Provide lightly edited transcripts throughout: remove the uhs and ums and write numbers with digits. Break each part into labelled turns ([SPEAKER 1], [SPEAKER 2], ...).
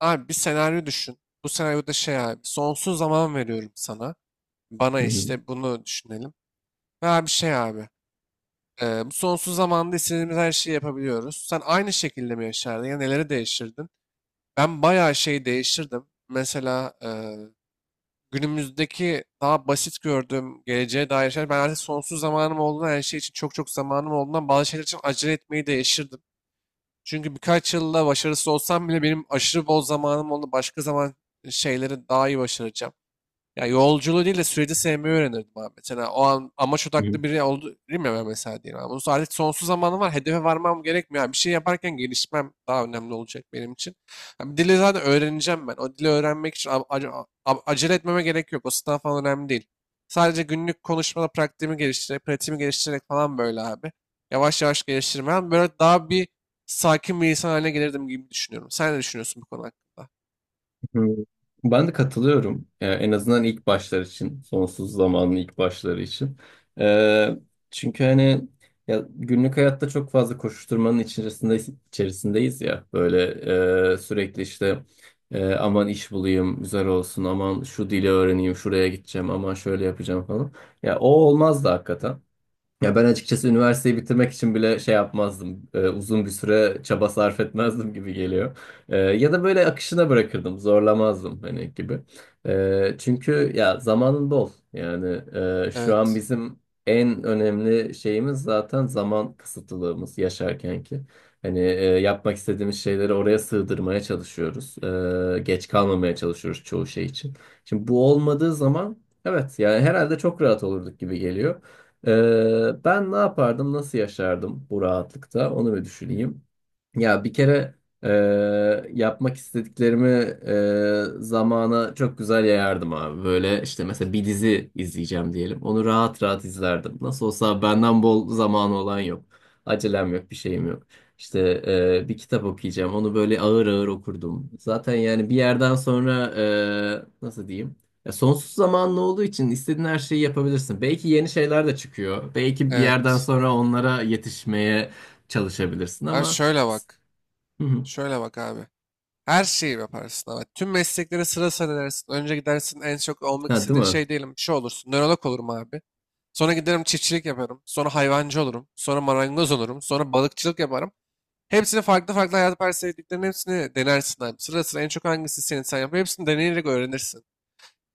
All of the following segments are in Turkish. [SPEAKER 1] Abi bir senaryo düşün. Bu senaryoda şey abi sonsuz zaman veriyorum sana. Bana
[SPEAKER 2] Hı hı,
[SPEAKER 1] işte bunu düşünelim. Ve abi şey abi bu sonsuz zamanda istediğimiz her şeyi yapabiliyoruz. Sen aynı şekilde mi yaşardın ya neleri değiştirdin? Ben bayağı şey değiştirdim. Mesela günümüzdeki daha basit gördüğüm geleceğe dair şeyler. Ben artık sonsuz zamanım olduğundan her şey için çok çok zamanım olduğundan bazı şeyler için acele etmeyi değiştirdim. Çünkü birkaç yılla başarısız olsam bile benim aşırı bol zamanım oldu. Başka zaman şeyleri daha iyi başaracağım. Ya yolculuğu değil de süreci sevmeyi öğrenirdim abi. Mesela o an amaç
[SPEAKER 2] hı
[SPEAKER 1] odaklı biri oldu değil mi, ben mesela diyelim abi. Bu artık sonsuz zamanım var. Hedefe varmam gerekmiyor. Yani bir şey yaparken gelişmem daha önemli olacak benim için. Yani dili zaten öğreneceğim ben. O dili öğrenmek için acele etmeme gerek yok. O sınav falan önemli değil. Sadece günlük konuşmada pratiğimi geliştirerek, pratiğimi geliştirerek falan böyle abi. Yavaş yavaş geliştirmem. Böyle daha bir sakin bir insan haline gelirdim gibi düşünüyorum. Sen ne düşünüyorsun bu konu hakkında?
[SPEAKER 2] hı. Ben de katılıyorum. En azından ilk başlar için, sonsuz zamanın ilk başları için. Ee, çünkü hani ya günlük hayatta çok fazla koşuşturmanın içerisindeyiz ya. Böyle sürekli işte aman iş bulayım, güzel olsun, aman şu dili öğreneyim, şuraya gideceğim, aman şöyle yapacağım falan. Ya o olmaz da hakikaten. Ya ben açıkçası üniversiteyi bitirmek için bile şey yapmazdım. Uzun bir süre çaba sarf etmezdim gibi geliyor. Ya da böyle akışına bırakırdım, zorlamazdım hani gibi. Çünkü ya zamanın bol. Yani şu an
[SPEAKER 1] Evet.
[SPEAKER 2] bizim en önemli şeyimiz zaten zaman kısıtlılığımız yaşarken ki. Hani yapmak istediğimiz şeyleri oraya sığdırmaya çalışıyoruz. Geç kalmamaya çalışıyoruz çoğu şey için. Şimdi bu olmadığı zaman, evet, yani herhalde çok rahat olurduk gibi geliyor. Ben ne yapardım, nasıl yaşardım bu rahatlıkta onu bir düşüneyim. Ya bir kere e, yapmak istediklerimi zamana çok güzel yayardım abi. Böyle işte mesela bir dizi izleyeceğim diyelim. Onu rahat rahat izlerdim. Nasıl olsa benden bol zamanı olan yok. Acelem yok, bir şeyim yok. İşte bir kitap okuyacağım. Onu böyle ağır ağır okurdum. Zaten yani bir yerden sonra, nasıl diyeyim? Ya sonsuz zamanlı olduğu için istediğin her şeyi yapabilirsin. Belki yeni şeyler de çıkıyor. Belki bir yerden
[SPEAKER 1] Evet.
[SPEAKER 2] sonra onlara yetişmeye çalışabilirsin
[SPEAKER 1] Abi
[SPEAKER 2] ama...
[SPEAKER 1] şöyle bak.
[SPEAKER 2] Hı hı.
[SPEAKER 1] Şöyle bak abi. Her şeyi yaparsın ama tüm mesleklere sıra sıralarısın. Önce gidersin en çok olmak
[SPEAKER 2] Ha, değil
[SPEAKER 1] istediğin
[SPEAKER 2] mi?
[SPEAKER 1] şey diyelim, bir şey olursun. Nörolog olurum abi. Sonra giderim çiftçilik yaparım. Sonra hayvancı olurum. Sonra marangoz olurum. Sonra balıkçılık yaparım. Hepsini farklı farklı hayat parsiyetliklerinin hepsini denersin abi. Sıra sıra en çok hangisi senin, sen yap. Hepsini deneyerek öğrenirsin.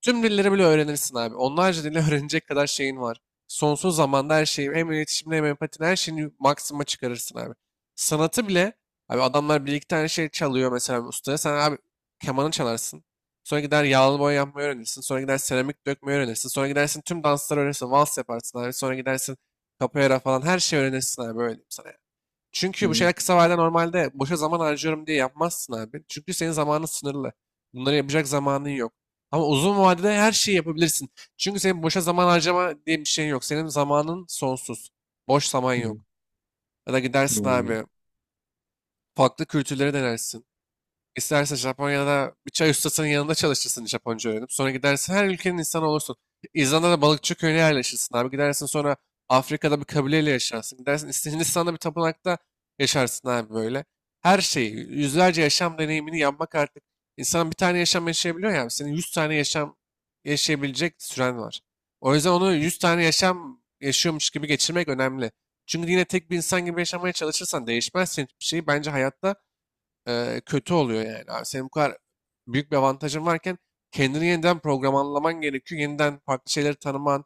[SPEAKER 1] Tüm dilleri bile öğrenirsin abi. Onlarca dili öğrenecek kadar şeyin var. Sonsuz zamanda her şeyi, hem iletişimde hem empatide her şeyini maksima çıkarırsın abi. Sanatı bile, abi adamlar bir iki tane şey çalıyor mesela ustaya. Sen abi kemanı çalarsın. Sonra gider yağlı boya yapmayı öğrenirsin. Sonra gider seramik dökmeyi öğrenirsin. Sonra gidersin tüm dansları öğrenirsin. Vals yaparsın abi. Sonra gidersin capoeira falan her şeyi öğrenirsin abi. Böyle diyeyim sana.
[SPEAKER 2] Hı
[SPEAKER 1] Çünkü bu
[SPEAKER 2] hı.
[SPEAKER 1] şeyler kısa vadede normalde boşa zaman harcıyorum diye yapmazsın abi. Çünkü senin zamanın sınırlı. Bunları yapacak zamanın yok. Ama uzun vadede her şeyi yapabilirsin. Çünkü senin boşa zaman harcama diye bir şeyin yok. Senin zamanın sonsuz. Boş zaman
[SPEAKER 2] Hı
[SPEAKER 1] yok.
[SPEAKER 2] hı.
[SPEAKER 1] Ya da gidersin
[SPEAKER 2] Hı.
[SPEAKER 1] abi, farklı kültürleri denersin. İstersen Japonya'da bir çay ustasının yanında çalışırsın, Japonca öğrenip. Sonra gidersin her ülkenin insanı olursun. İzlanda'da balıkçı köyüne yerleşirsin abi. Gidersin sonra Afrika'da bir kabileyle yaşarsın. Gidersin Hindistan'da bir tapınakta yaşarsın abi böyle. Her şeyi, yüzlerce yaşam deneyimini yapmak artık. İnsan bir tane yaşam yaşayabiliyor ya. Senin 100 tane yaşam yaşayabilecek süren var. O yüzden onu 100 tane yaşam yaşıyormuş gibi geçirmek önemli. Çünkü yine tek bir insan gibi yaşamaya çalışırsan değişmezsin hiçbir şeyi. Bence hayatta kötü oluyor yani. Abi senin bu kadar büyük bir avantajın varken kendini yeniden programlaman gerekiyor. Yeniden farklı şeyleri tanıman,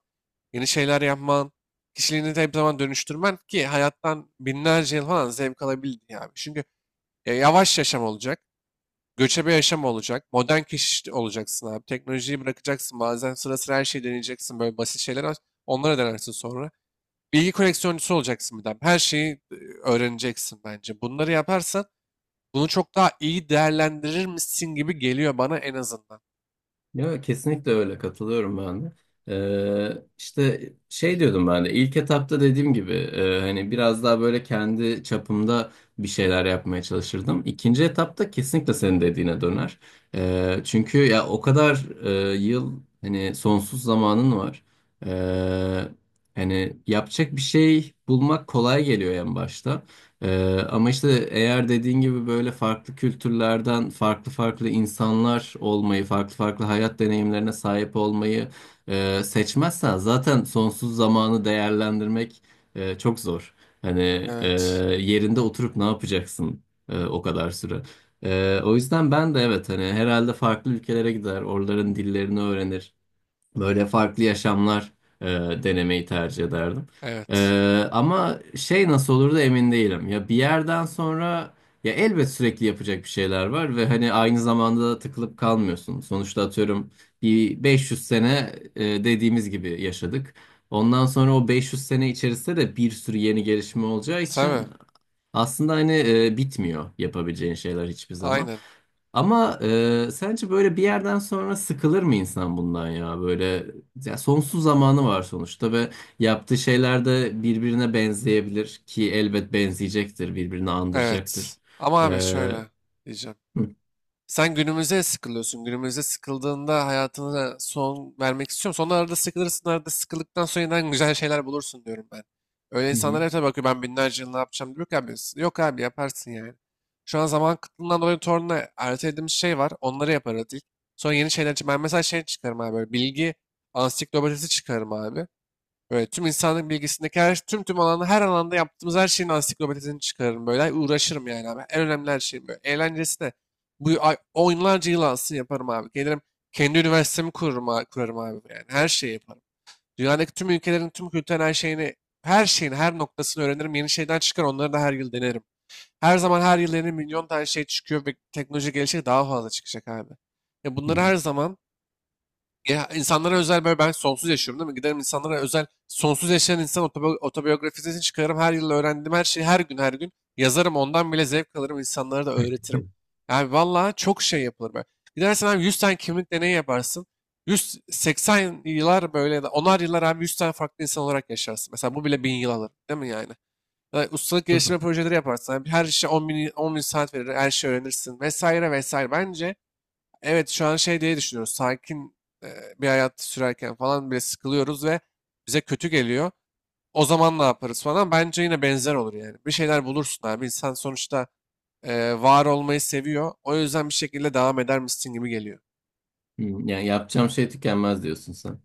[SPEAKER 1] yeni şeyler yapman, kişiliğini de hep zaman dönüştürmen ki hayattan binlerce yıl falan zevk alabildin abi. Çünkü yavaş yaşam olacak, göçebe yaşam olacak, modern kişi olacaksın abi. Teknolojiyi bırakacaksın bazen, sıra sıra her şeyi deneyeceksin, böyle basit şeyler var. Onlara denersin sonra. Bilgi koleksiyoncusu olacaksın bir daha. Her şeyi öğreneceksin bence. Bunları yaparsan bunu çok daha iyi değerlendirir misin gibi geliyor bana, en azından.
[SPEAKER 2] Ya kesinlikle öyle katılıyorum ben de. İşte şey diyordum ben de ilk etapta dediğim gibi, hani biraz daha böyle kendi çapımda bir şeyler yapmaya çalışırdım. İkinci etapta kesinlikle senin dediğine döner. Çünkü ya o kadar yıl hani sonsuz zamanın var. Ee, hani yapacak bir şey bulmak kolay geliyor en başta. Ama işte eğer dediğin gibi böyle farklı kültürlerden farklı farklı insanlar olmayı, farklı farklı hayat deneyimlerine sahip olmayı seçmezsen zaten sonsuz zamanı değerlendirmek çok zor. Hani
[SPEAKER 1] Evet.
[SPEAKER 2] yerinde oturup ne yapacaksın o kadar süre. O yüzden ben de, evet, hani herhalde farklı ülkelere gider, oraların dillerini öğrenir. Böyle farklı yaşamlar e, denemeyi tercih ederdim.
[SPEAKER 1] Evet.
[SPEAKER 2] Ama şey nasıl olur da emin değilim. Ya bir yerden sonra ya elbet sürekli yapacak bir şeyler var ve hani aynı zamanda da tıkılıp kalmıyorsun. Sonuçta atıyorum bir 500 sene, dediğimiz gibi yaşadık. Ondan sonra o 500 sene içerisinde de bir sürü yeni gelişme olacağı
[SPEAKER 1] Sen mi?
[SPEAKER 2] için aslında hani bitmiyor yapabileceğin şeyler hiçbir zaman.
[SPEAKER 1] Aynen.
[SPEAKER 2] Ama sence böyle bir yerden sonra sıkılır mı insan bundan ya? Böyle ya sonsuz zamanı var sonuçta ve yaptığı şeyler de birbirine benzeyebilir ki elbet benzeyecektir, birbirini
[SPEAKER 1] Evet.
[SPEAKER 2] andıracaktır.
[SPEAKER 1] Ama
[SPEAKER 2] E,
[SPEAKER 1] abi
[SPEAKER 2] hı,
[SPEAKER 1] şöyle diyeceğim. Sen günümüze sıkılıyorsun. Günümüze sıkıldığında hayatına son vermek istiyorum. Sonra arada sıkılırsın, arada sıkıldıktan sonra yeniden güzel şeyler bulursun diyorum ben. Öyle insanlar
[SPEAKER 2] hı,
[SPEAKER 1] hep tabii bakıyor, ben binlerce yıl ne yapacağım diyor ki abi. Yok abi, yaparsın yani. Şu an zaman kıtlığından dolayı torunla ertelediğimiz şey var. Onları yaparız ilk. Sonra yeni şeyler için. Ben mesela şey çıkarım abi, böyle bilgi ansiklopedisi çıkarım abi. Böyle tüm insanlık bilgisindeki her, tüm alanda, her alanda yaptığımız her şeyin ansiklopedisini çıkarırım böyle. Uğraşırım yani abi. En önemli her şeyim böyle. Eğlencesi de bu ay, onlarca yıl alsın yaparım abi. Gelirim kendi üniversitemi kururum, kurarım abi yani. Her şeyi yaparım. Dünyadaki tüm ülkelerin tüm kültürel her şeyini, her şeyin her noktasını öğrenirim. Yeni şeyden çıkar onları da her yıl denerim. Her zaman, her yıl yeni milyon tane şey çıkıyor ve teknoloji gelişecek, daha fazla çıkacak abi. Ya
[SPEAKER 2] hı,
[SPEAKER 1] bunları her zaman, ya insanlara özel böyle ben sonsuz yaşıyorum değil mi? Giderim insanlara özel sonsuz yaşayan insan otobiyografisini çıkarırım. Her yıl öğrendiğim her şeyi her gün her gün yazarım. Ondan bile zevk alırım. İnsanlara da öğretirim. Yani vallahi çok şey yapılır böyle. Gidersen abi 100 tane kimlik deneyi yaparsın. 180 yıllar böyle, ya da onar yıllar abi 100 tane farklı insan olarak yaşarsın. Mesela bu bile 1000 yıl alır değil mi yani? Ya da ustalık
[SPEAKER 2] hı.
[SPEAKER 1] geliştirme projeleri yaparsın. Abi her işe 10 bin, 10 bin saat verir. Her şeyi öğrenirsin vesaire vesaire. Bence evet, şu an şey diye düşünüyoruz. Sakin bir hayat sürerken falan bile sıkılıyoruz ve bize kötü geliyor. O zaman ne yaparız falan. Bence yine benzer olur yani. Bir şeyler bulursun abi. İnsan sonuçta var olmayı seviyor. O yüzden bir şekilde devam eder misin gibi geliyor.
[SPEAKER 2] Hmm, yani yapacağım şey tükenmez diyorsun sen.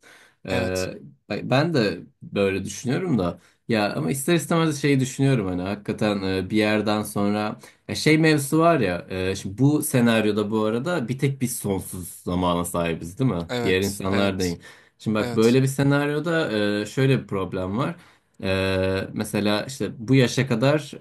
[SPEAKER 1] Evet.
[SPEAKER 2] Ee, ben de böyle düşünüyorum da, ya ama ister istemez şeyi düşünüyorum hani hakikaten, bir yerden sonra ya şey mevzusu var ya, şimdi bu senaryoda bu arada bir tek biz sonsuz zamana sahibiz, değil mi? Diğer
[SPEAKER 1] Evet.
[SPEAKER 2] insanlar
[SPEAKER 1] Evet.
[SPEAKER 2] değil. Şimdi bak,
[SPEAKER 1] Evet.
[SPEAKER 2] böyle bir senaryoda şöyle bir problem var. Mesela işte bu yaşa kadar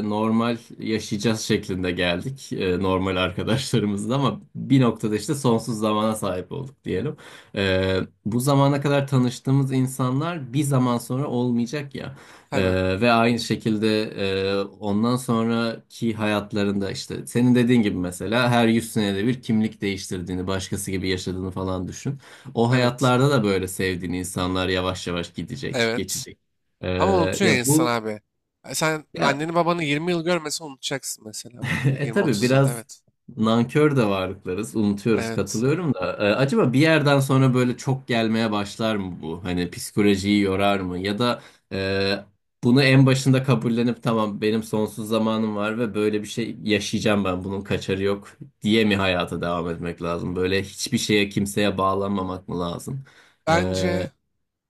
[SPEAKER 2] normal yaşayacağız şeklinde geldik, normal arkadaşlarımızla, ama bir noktada işte sonsuz zamana sahip olduk diyelim. Ee, bu zamana kadar tanıştığımız insanlar bir zaman sonra olmayacak ya.
[SPEAKER 1] Tabii.
[SPEAKER 2] Ve aynı şekilde, ondan sonraki hayatlarında işte senin dediğin gibi, mesela her 100 senede bir kimlik değiştirdiğini, başkası gibi yaşadığını falan düşün. O
[SPEAKER 1] Evet.
[SPEAKER 2] hayatlarda da böyle sevdiğin insanlar yavaş yavaş gidecek,
[SPEAKER 1] Evet.
[SPEAKER 2] geçecek.
[SPEAKER 1] Ama
[SPEAKER 2] Ee,
[SPEAKER 1] unutuyor ya
[SPEAKER 2] ya
[SPEAKER 1] insan
[SPEAKER 2] bu
[SPEAKER 1] abi. Sen
[SPEAKER 2] ya,
[SPEAKER 1] anneni babanı 20 yıl görmesen unutacaksın mesela bence.
[SPEAKER 2] tabii
[SPEAKER 1] 20-30 yıl.
[SPEAKER 2] biraz
[SPEAKER 1] Evet.
[SPEAKER 2] nankör de varlıklarız. Unutuyoruz,
[SPEAKER 1] Evet.
[SPEAKER 2] katılıyorum da. Acaba bir yerden sonra böyle çok gelmeye başlar mı bu? Hani psikolojiyi yorar mı? Ya da e, bunu en başında kabullenip tamam benim sonsuz zamanım var ve böyle bir şey yaşayacağım, ben bunun kaçarı yok diye mi hayata devam etmek lazım? Böyle hiçbir şeye, kimseye bağlanmamak mı lazım?
[SPEAKER 1] Bence
[SPEAKER 2] Ee,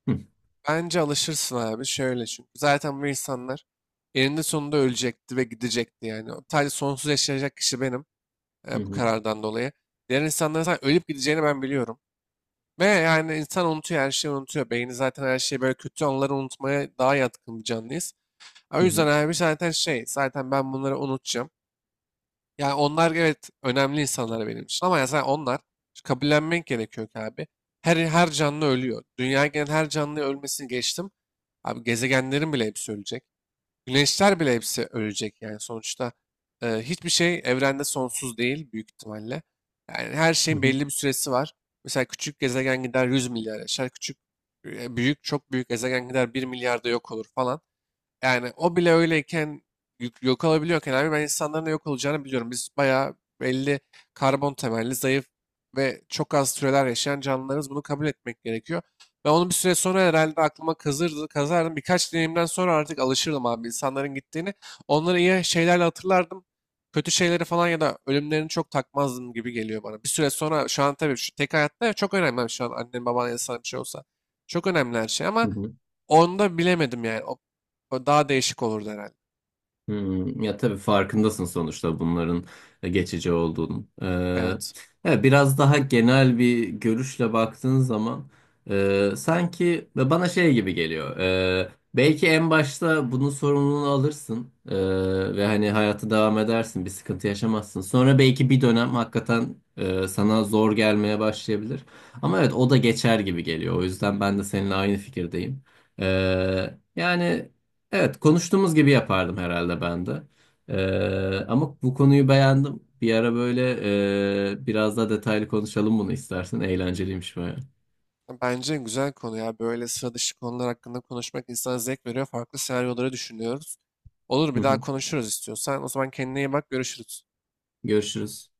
[SPEAKER 2] hı,
[SPEAKER 1] Bence alışırsın abi şöyle, çünkü zaten bu insanlar eninde sonunda ölecekti ve gidecekti yani. O, sadece sonsuz yaşayacak kişi benim
[SPEAKER 2] hı,
[SPEAKER 1] bu
[SPEAKER 2] hı,
[SPEAKER 1] karardan dolayı. Diğer insanların zaten ölüp gideceğini ben biliyorum. Ve yani insan unutuyor, her şeyi unutuyor. Beyni zaten her şeyi böyle, kötü anıları unutmaya daha yatkın bir canlıyız. O
[SPEAKER 2] hı,
[SPEAKER 1] yüzden abi zaten şey, zaten ben bunları unutacağım. Yani onlar evet önemli insanlar benim için ama yani onlar işte, kabullenmek gerekiyor ki abi. Her canlı ölüyor. Dünya gelen her canlı ölmesini geçtim. Abi gezegenlerin bile hepsi ölecek. Güneşler bile hepsi ölecek yani sonuçta. Hiçbir şey evrende sonsuz değil büyük ihtimalle. Yani her şeyin
[SPEAKER 2] hı,
[SPEAKER 1] belli bir süresi var. Mesela küçük gezegen gider 100 milyar yaşar. Küçük, büyük, çok büyük gezegen gider 1 milyarda yok olur falan. Yani o bile öyleyken yok olabiliyorken abi, ben insanların da yok olacağını biliyorum. Biz bayağı belli karbon temelli, zayıf ve çok az süreler yaşayan canlılarız. Bunu kabul etmek gerekiyor. Ve onu bir süre sonra herhalde aklıma kazırdı, kazardım. Birkaç deneyimden sonra artık alışırdım abi insanların gittiğini. Onları iyi şeylerle hatırlardım. Kötü şeyleri falan ya da ölümlerini çok takmazdım gibi geliyor bana. Bir süre sonra, şu an tabii şu tek hayatta çok önemli abi, şu an annen baban insan bir şey olsa. Çok önemli her şey ama
[SPEAKER 2] hı, hı.
[SPEAKER 1] onu da bilemedim yani. O daha değişik olurdu herhalde.
[SPEAKER 2] Hmm, ya tabii farkındasın sonuçta bunların geçici olduğunu. Ee,
[SPEAKER 1] Evet.
[SPEAKER 2] evet, biraz daha genel bir görüşle baktığın zaman sanki ve bana şey gibi geliyor. Belki en başta bunun sorumluluğunu alırsın, ve hani hayatı devam edersin, bir sıkıntı yaşamazsın. Sonra belki bir dönem hakikaten sana zor gelmeye başlayabilir. Ama evet o da geçer gibi geliyor. O yüzden ben de seninle aynı fikirdeyim. Yani. Evet, konuştuğumuz gibi yapardım herhalde ben de. Ama bu konuyu beğendim. Bir ara böyle biraz daha detaylı konuşalım bunu istersen. Eğlenceliymiş baya.
[SPEAKER 1] Bence güzel konu ya. Böyle sıra dışı konular hakkında konuşmak insana zevk veriyor. Farklı senaryoları düşünüyoruz. Olur,
[SPEAKER 2] Hı
[SPEAKER 1] bir daha
[SPEAKER 2] hı.
[SPEAKER 1] konuşuruz istiyorsan. O zaman kendine iyi bak. Görüşürüz.
[SPEAKER 2] Görüşürüz.